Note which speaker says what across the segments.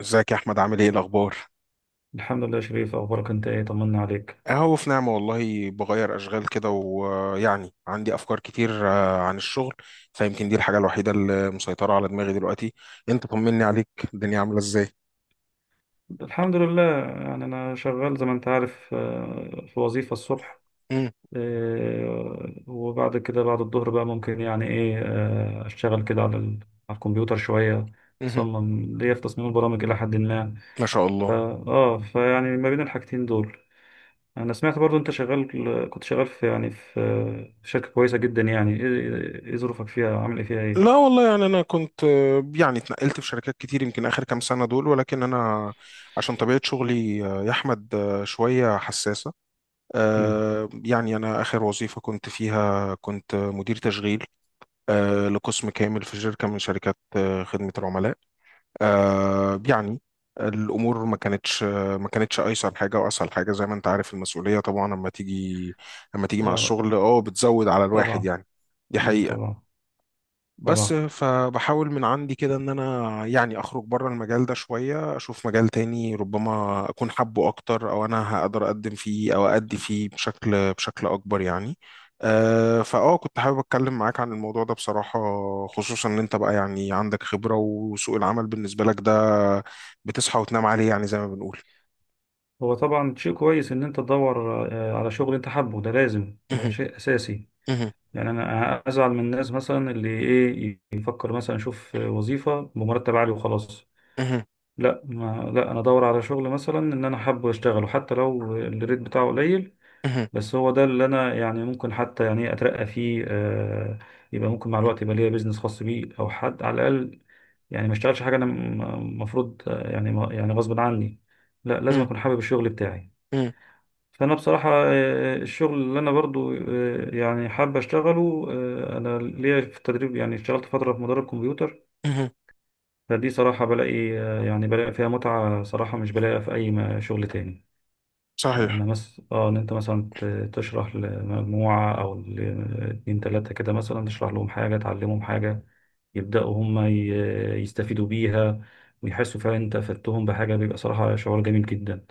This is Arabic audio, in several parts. Speaker 1: ازيك يا احمد، عامل ايه الاخبار؟
Speaker 2: الحمد لله يا شريف، اخبارك انت ايه؟ طمنا عليك.
Speaker 1: اهو في نعمه والله. بغير اشغال كده ويعني عندي افكار كتير عن الشغل. فيمكن دي الحاجه الوحيده اللي مسيطره على دماغي دلوقتي. انت طمني عليك، الدنيا عامله ازاي؟
Speaker 2: الحمد لله، يعني انا شغال زي ما انت عارف، في وظيفة الصبح.
Speaker 1: مم،
Speaker 2: وبعد كده بعد الظهر بقى ممكن يعني ايه آه، اشتغل كده على الكمبيوتر شوية.
Speaker 1: مهم.
Speaker 2: اصمم ليا في تصميم البرامج الى حد ما.
Speaker 1: ما شاء
Speaker 2: فا
Speaker 1: الله.
Speaker 2: اه فيعني ما بين الحاجتين دول، انا سمعت برضو انت شغال كنت شغال في شركة كويسة جدا. إيه ظروفك فيها؟ عامل ايه فيها ايه؟
Speaker 1: لا والله، يعني انا كنت يعني اتنقلت في شركات كتير يمكن اخر كام سنه دول، ولكن انا عشان طبيعه شغلي يا احمد شويه حساسه.
Speaker 2: امم.
Speaker 1: يعني انا اخر وظيفه كنت فيها كنت مدير تشغيل لقسم كامل في شركة من شركات خدمة العملاء. آه، يعني الأمور ما كانتش أيسر حاجة وأسهل حاجة. زي ما أنت عارف المسؤولية طبعا لما تيجي مع
Speaker 2: اه،
Speaker 1: الشغل بتزود على الواحد
Speaker 2: طبعا.
Speaker 1: يعني. دي
Speaker 2: امم،
Speaker 1: حقيقة.
Speaker 2: طبعا،
Speaker 1: بس
Speaker 2: طبعا.
Speaker 1: فبحاول من عندي كده ان انا يعني اخرج بره المجال ده شوية، اشوف مجال تاني ربما اكون حابه اكتر، او انا هقدر اقدم فيه او ادي فيه بشكل اكبر يعني. أه فاه كنت حابب اتكلم معاك عن الموضوع ده بصراحة، خصوصا ان انت بقى يعني عندك خبرة، وسوق العمل بالنسبة لك ده بتصحى وتنام عليه يعني، زي ما بنقول.
Speaker 2: هو طبعا شيء كويس ان انت تدور على شغل انت حابه، ده لازم، ده شيء اساسي. يعني انا ازعل من الناس مثلا اللي يفكر مثلا اشوف وظيفة بمرتب عالي وخلاص. لا ما لا، انا ادور على شغل مثلا ان انا حابه اشتغله، حتى لو الريت بتاعه قليل. بس هو ده اللي انا يعني ممكن حتى يعني اترقى فيه، يبقى ممكن مع الوقت يبقى ليا بيزنس خاص بيه، او حد على الاقل. يعني ما اشتغلش حاجة انا، المفروض، يعني يعني غصب عني. لا، لازم اكون حابب الشغل بتاعي. فانا بصراحه، الشغل اللي انا برضو يعني حابب اشتغله، انا ليا في التدريب، يعني اشتغلت فتره في مدرب كمبيوتر. فدي صراحه بلاقي، يعني بلاقي فيها متعه صراحه، مش بلاقيها في اي شغل تاني.
Speaker 1: صحيح،
Speaker 2: اما مس اه ان انت مثلا تشرح لمجموعه او اتنين تلاته كده، مثلا تشرح لهم حاجه، تعلمهم حاجه، يبداوا هم يستفيدوا بيها، ويحسوا فعلا انت افدتهم بحاجه، بيبقى صراحه شعور جميل جدا.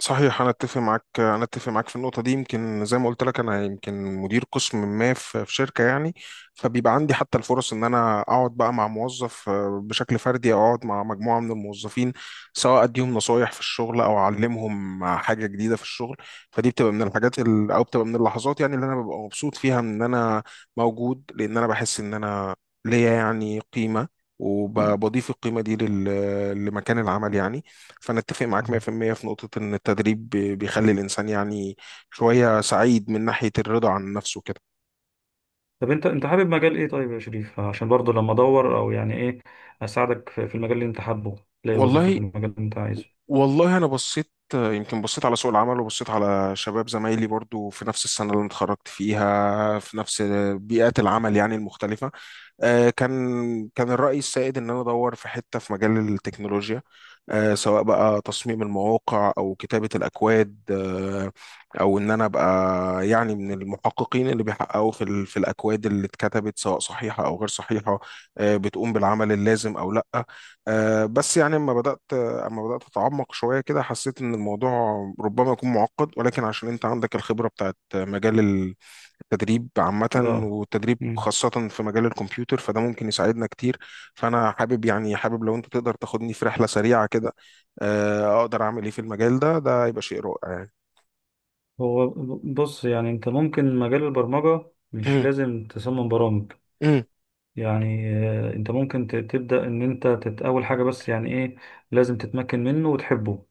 Speaker 1: صحيح. انا اتفق معاك في النقطه دي. يمكن زي ما قلت لك، انا يمكن مدير قسم ما في في شركه يعني، فبيبقى عندي حتى الفرص ان انا اقعد بقى مع موظف بشكل فردي، او اقعد مع مجموعه من الموظفين، سواء اديهم نصايح في الشغل او اعلمهم حاجه جديده في الشغل. فدي بتبقى من الحاجات او بتبقى من اللحظات يعني اللي انا ببقى مبسوط فيها، ان انا موجود، لان انا بحس ان انا ليا يعني قيمه، وبضيف القيمه دي لمكان العمل يعني. فأنا أتفق معاك 100% في المية في نقطة إن التدريب بيخلي الإنسان يعني شوية سعيد من ناحية الرضا عن نفسه كده.
Speaker 2: طب انت حابب مجال ايه، طيب يا شريف؟ عشان برضه لما ادور، او يعني ايه اساعدك في المجال اللي انت حابه، تلاقي وظيفة في
Speaker 1: والله،
Speaker 2: المجال اللي انت عايزه.
Speaker 1: والله أنا بصيت، يمكن بصيت على سوق العمل، وبصيت على شباب زمايلي برضو في نفس السنة اللي أنا اتخرجت فيها، في نفس بيئات العمل يعني المختلفة. كان الرأي السائد إن أنا أدور في حتة، في مجال التكنولوجيا، سواء بقى تصميم المواقع أو كتابة الأكواد، أو إن أنا أبقى يعني من المحققين اللي بيحققوا في في الأكواد اللي اتكتبت سواء صحيحة أو غير صحيحة، بتقوم بالعمل اللازم أو لأ. بس يعني أما بدأت، أتعمق شوية كده، حسيت إن الموضوع ربما يكون معقد، ولكن عشان أنت عندك الخبرة بتاعت مجال التدريب عامة،
Speaker 2: اه،
Speaker 1: والتدريب
Speaker 2: مم.
Speaker 1: خاصة في مجال الكمبيوتر، فده ممكن يساعدنا كتير. فأنا حابب، يعني حابب لو أنت تقدر تاخدني في رحلة سريعة كده، أقدر أعمل إيه في المجال ده، ده يبقى شيء رائع يعني.
Speaker 2: هو بص، يعني انت ممكن مجال البرمجة مش
Speaker 1: مم،
Speaker 2: لازم تصمم برامج.
Speaker 1: مم،
Speaker 2: يعني انت ممكن تبدأ ان انت اول حاجة، بس يعني ايه لازم تتمكن منه وتحبه.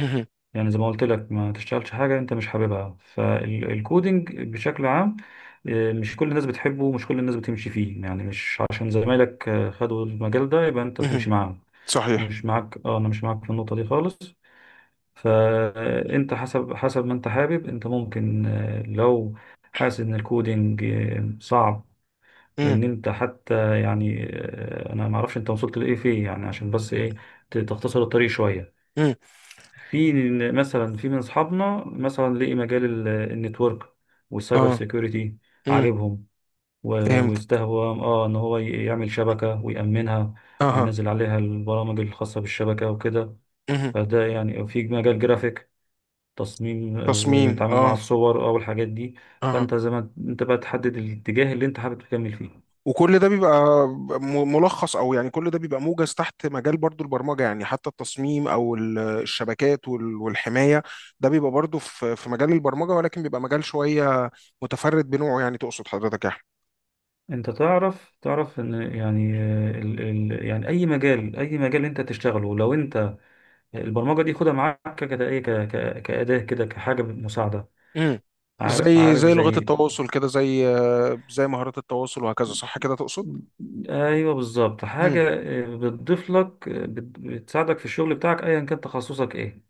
Speaker 1: مهم،
Speaker 2: يعني زي ما قلت لك ما تشتغلش حاجة انت مش حاببها. فالكودينج بشكل عام، مش كل الناس بتحبه، ومش كل الناس بتمشي فيه، يعني مش عشان زمايلك خدوا المجال ده يبقى انت
Speaker 1: مهم.
Speaker 2: تمشي معاهم.
Speaker 1: صحيح.
Speaker 2: مش معاك اه انا مش معاك في النقطة دي خالص. فانت، حسب ما انت حابب، انت ممكن، لو حاسس ان الكودينج صعب،
Speaker 1: مم،
Speaker 2: وان انت حتى يعني، انا ما اعرفش انت وصلت لايه فيه، يعني عشان بس ايه تختصر الطريق شوية.
Speaker 1: مم.
Speaker 2: في، مثلا في من اصحابنا مثلا لقي مجال النتورك والسايبر
Speaker 1: آه.
Speaker 2: سيكيورتي
Speaker 1: مم.
Speaker 2: عاجبهم، و-
Speaker 1: فهمت.
Speaker 2: واستهوى ان هو يعمل شبكه ويأمنها،
Speaker 1: أها.
Speaker 2: وينزل عليها البرامج الخاصه بالشبكه وكده.
Speaker 1: مهم.
Speaker 2: فده يعني، في مجال جرافيك، تصميم
Speaker 1: تصميم.
Speaker 2: ويتعامل مع
Speaker 1: آه.
Speaker 2: الصور او الحاجات دي.
Speaker 1: اها.
Speaker 2: فانت زي ما انت بقى تحدد الاتجاه اللي انت حابب تكمل فيه.
Speaker 1: وكل ده بيبقى ملخص، او يعني كل ده بيبقى موجز تحت مجال برضو البرمجه يعني، حتى التصميم او الشبكات والحمايه، ده بيبقى برضو في في مجال البرمجه، ولكن بيبقى مجال شويه متفرد بنوعه يعني، تقصد حضرتك يا احمد؟
Speaker 2: انت تعرف ان، يعني ال ال يعني اي مجال انت تشتغله، لو انت البرمجة دي خدها معاك كده، ايه كأداة كده، كحاجة مساعدة.
Speaker 1: امم.
Speaker 2: عارف،
Speaker 1: زي لغات
Speaker 2: زي،
Speaker 1: التواصل كده، زي مهارات التواصل، وهكذا صح كده تقصد؟
Speaker 2: ايوه بالظبط،
Speaker 1: امم.
Speaker 2: حاجة بتضيف لك، بتساعدك في الشغل بتاعك ايا كان تخصصك ايه.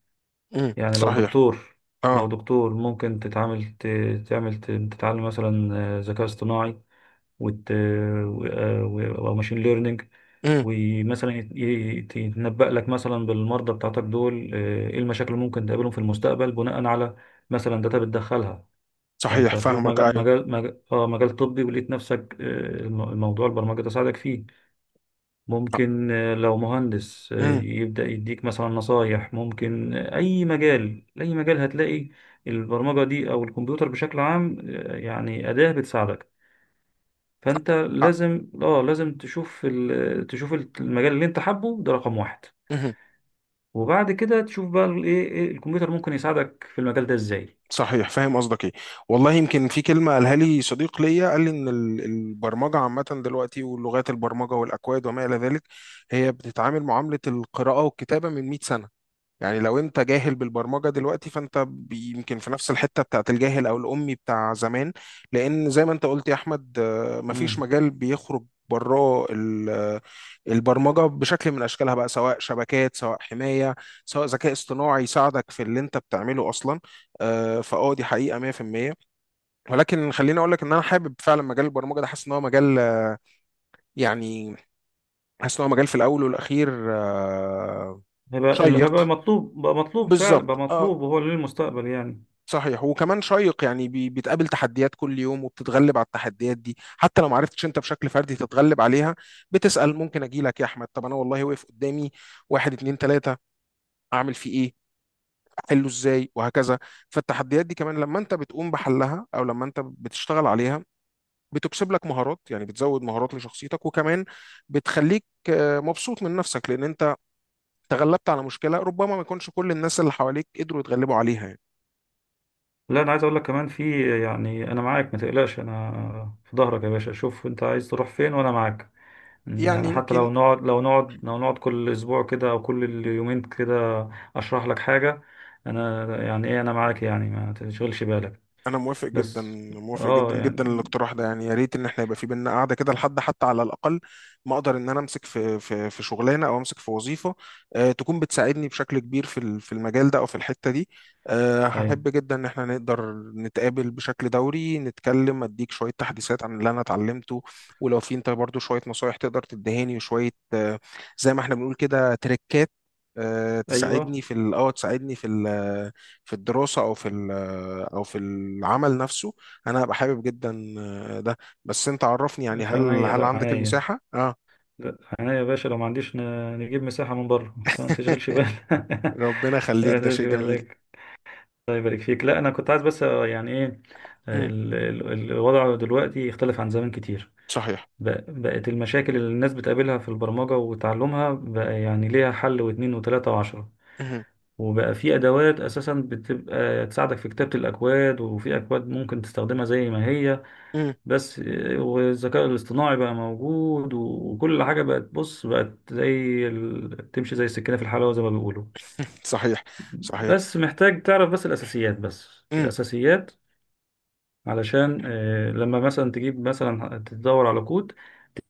Speaker 1: امم،
Speaker 2: يعني لو
Speaker 1: صحيح.
Speaker 2: دكتور،
Speaker 1: اه.
Speaker 2: ممكن تتعامل، تعمل، تتعلم مثلا ذكاء اصطناعي، وت... و... آه، و... وماشين ليرنينج.
Speaker 1: امم،
Speaker 2: ومثلا يتنبأ لك مثلا بالمرضى بتاعتك دول، ايه المشاكل اللي ممكن تقابلهم في المستقبل بناء على مثلا داتا بتدخلها. فانت
Speaker 1: صحيح،
Speaker 2: هتشوف
Speaker 1: فاهمك، ايوه.
Speaker 2: مجال طبي، ولقيت نفسك، الموضوع البرمجة ده ساعدك فيه. ممكن لو مهندس يبدأ يديك مثلا نصايح. ممكن أي مجال هتلاقي البرمجة دي أو الكمبيوتر بشكل عام يعني أداة بتساعدك. فأنت لازم تشوف تشوف المجال اللي أنت حابه ده رقم واحد،
Speaker 1: امم،
Speaker 2: وبعد كده تشوف بقى الإيه إيه إيه الكمبيوتر ممكن يساعدك في المجال ده إزاي.
Speaker 1: صحيح، فاهم قصدك ايه. والله يمكن في كلمه قالها لي صديق ليا، قال لي ان البرمجه عامه دلوقتي، واللغات البرمجه والاكواد وما الى ذلك، هي بتتعامل معامله القراءه والكتابه من 100 سنه. يعني لو انت جاهل بالبرمجه دلوقتي، فانت يمكن في نفس الحته بتاعت الجاهل او الامي بتاع زمان. لان زي ما انت قلت يا احمد، مفيش
Speaker 2: مم.
Speaker 1: مجال بيخرج براه البرمجه بشكل من اشكالها بقى، سواء شبكات، سواء حمايه، سواء ذكاء اصطناعي يساعدك في اللي انت بتعمله اصلا. آه، فاه دي حقيقه 100%. ولكن خليني اقول لك ان انا حابب فعلا مجال البرمجه ده، حاسس ان هو مجال يعني حاسس ان هو مجال في الاول والاخير آه،
Speaker 2: هيبقى اللي هيبقى
Speaker 1: شيق.
Speaker 2: مطلوب، بقى مطلوب فعلا، بقى
Speaker 1: بالظبط، اه.
Speaker 2: مطلوب وهو للمستقبل، يعني.
Speaker 1: صحيح، وكمان شيق يعني، بتقابل تحديات كل يوم، وبتتغلب على التحديات دي، حتى لو ما عرفتش انت بشكل فردي تتغلب عليها، بتسأل. ممكن اجي لك يا احمد، طب انا والله واقف قدامي واحد اتنين تلاتة، اعمل فيه ايه، احله ازاي، وهكذا. فالتحديات دي كمان لما انت بتقوم بحلها، او لما انت بتشتغل عليها، بتكسب لك مهارات يعني، بتزود مهارات لشخصيتك، وكمان بتخليك مبسوط من نفسك، لان انت تغلبت على مشكلة ربما ما يكونش كل الناس اللي حواليك قدروا يتغلبوا عليها يعني.
Speaker 2: لا، انا عايز اقول لك كمان في، يعني انا معاك ما تقلقش، انا في ظهرك يا باشا، شوف انت عايز تروح فين وانا معاك.
Speaker 1: يعني
Speaker 2: يعني حتى
Speaker 1: يمكن،
Speaker 2: لو نقعد كل اسبوع كده، او كل يومين كده، اشرح لك حاجة، انا يعني ايه انا معاك، يعني ما تشغلش بالك.
Speaker 1: انا
Speaker 2: بس.
Speaker 1: موافق جدا
Speaker 2: اه
Speaker 1: جدا
Speaker 2: يعني
Speaker 1: للاقتراح ده، يعني يا ريت ان احنا يبقى في بينا قاعده كده، لحد حتى على الاقل ما اقدر ان انا امسك في في شغلانه، او امسك في وظيفه آه تكون بتساعدني بشكل كبير في في المجال ده، او في الحته دي. آه
Speaker 2: هاي،
Speaker 1: هحب جدا ان احنا نقدر نتقابل بشكل دوري، نتكلم، اديك شويه تحديثات عن اللي انا اتعلمته، ولو في انت برضو شويه نصايح تقدر تدهاني، وشويه آه زي ما احنا بنقول كده، تريكات تساعدني
Speaker 2: ايوه
Speaker 1: في ال- اه تساعدني في ال- آه، في الدراسه او في او في العمل نفسه، انا هبقى حابب جدا ده. بس انت عرفني يعني،
Speaker 2: باشا،
Speaker 1: هل
Speaker 2: عينيا. لا،
Speaker 1: عندك
Speaker 2: عينيا.
Speaker 1: المساحة؟ اه.
Speaker 2: لا، عينيا يا باشا، لو ما عنديش نجيب مساحة من بره، فما تشغلش بالك.
Speaker 1: ربنا يخليك،
Speaker 2: لا،
Speaker 1: ده شيء
Speaker 2: تمشي
Speaker 1: جميل.
Speaker 2: بالك. الله يبارك فيك. لا، انا كنت عايز بس، آه، يعني ايه
Speaker 1: امم.
Speaker 2: الوضع دلوقتي اختلف عن زمان كتير.
Speaker 1: صحيح.
Speaker 2: بقت المشاكل اللي الناس بتقابلها في البرمجة وتعلمها بقى، يعني ليها حل واتنين وتلاتة وعشرة،
Speaker 1: امم.
Speaker 2: وبقى في ادوات اساسا بتبقى تساعدك في كتابة الاكواد، وفي اكواد ممكن تستخدمها زي ما هي.
Speaker 1: امم.
Speaker 2: بس والذكاء الاصطناعي بقى موجود، وكل حاجة بقت زي تمشي زي السكينة في الحلاوة زي ما بيقولوا.
Speaker 1: صحيح، صحيح.
Speaker 2: بس محتاج تعرف بس الأساسيات، بس
Speaker 1: امم.
Speaker 2: الأساسيات. علشان لما مثلا تجيب، مثلا تدور على كود،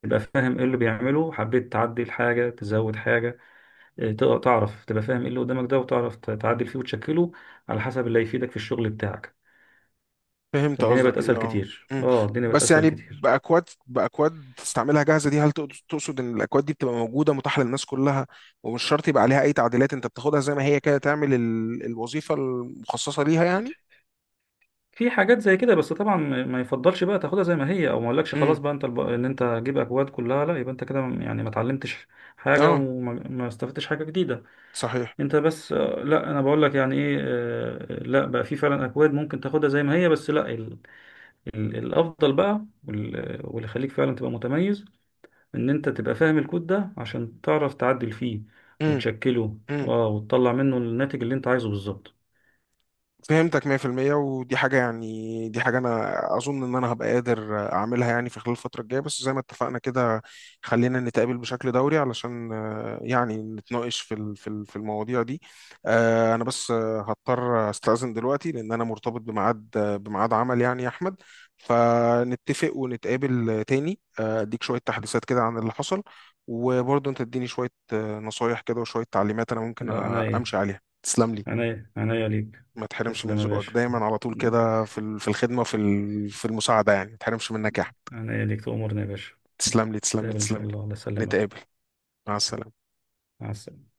Speaker 2: تبقى فاهم ايه اللي بيعمله، حبيت تعدل حاجة تزود حاجة، تقدر تعرف، تبقى فاهم ايه اللي قدامك ده، وتعرف تعدل فيه وتشكله على حسب اللي هيفيدك في الشغل بتاعك.
Speaker 1: فهمت
Speaker 2: فالدنيا بقت
Speaker 1: قصدك، ايه
Speaker 2: أسهل
Speaker 1: اه.
Speaker 2: كتير،
Speaker 1: امم.
Speaker 2: اه، الدنيا بقت
Speaker 1: بس
Speaker 2: أسهل
Speaker 1: يعني
Speaker 2: كتير.
Speaker 1: باكواد، باكواد تستعملها جاهزه دي، هل تقصد ان الاكواد دي بتبقى موجوده متاحه للناس كلها، ومش شرط يبقى عليها اي تعديلات، انت بتاخدها زي ما هي كده، تعمل الوظيفه المخصصه ليها يعني؟
Speaker 2: في حاجات زي كده. بس طبعا ما يفضلش بقى تاخدها زي ما هي، او ما اقولكش خلاص
Speaker 1: امم.
Speaker 2: بقى انت ان انت تجيب اكواد كلها، لا، يبقى انت كده يعني ما اتعلمتش حاجه،
Speaker 1: اه.
Speaker 2: وما ما استفدتش حاجه جديده.
Speaker 1: صحيح.
Speaker 2: انت بس، لا، انا بقول لك يعني ايه آه، لا، بقى في فعلا اكواد ممكن تاخدها زي ما هي، بس لا، ال ال الافضل بقى، واللي يخليك فعلا تبقى متميز ان انت تبقى فاهم الكود ده عشان تعرف تعدل فيه
Speaker 1: امم.
Speaker 2: وتشكله، وتطلع منه الناتج اللي انت عايزه بالظبط.
Speaker 1: فهمتك 100%. ودي حاجة، يعني دي حاجة أنا أظن إن أنا هبقى قادر أعملها يعني في خلال الفترة الجاية، بس زي ما اتفقنا كده، خلينا نتقابل بشكل دوري علشان يعني نتناقش في في المواضيع دي. أنا بس هضطر أستأذن دلوقتي لأن أنا مرتبط بميعاد بميعاد عمل يعني يا أحمد. فنتفق ونتقابل تاني، أديك شوية تحديثات كده عن اللي حصل، وبرضه أنت تديني شوية نصايح كده، وشوية تعليمات أنا ممكن
Speaker 2: لا، عناية،
Speaker 1: أمشي عليها. تسلم لي.
Speaker 2: عناية، عناية ليك.
Speaker 1: ما تحرمش من
Speaker 2: تسلم يا
Speaker 1: ذوقك
Speaker 2: باشا،
Speaker 1: دايما على طول كده في في الخدمة، في في المساعدة، يعني ما تحرمش منك يا أحمد.
Speaker 2: عناية ليك، تؤمرني يا باشا.
Speaker 1: تسلم لي، تسلم لي،
Speaker 2: نتقابل ان شاء
Speaker 1: تسلم لي.
Speaker 2: الله. الله يسلمك،
Speaker 1: نتقابل. مع السلامة.
Speaker 2: مع السلامة.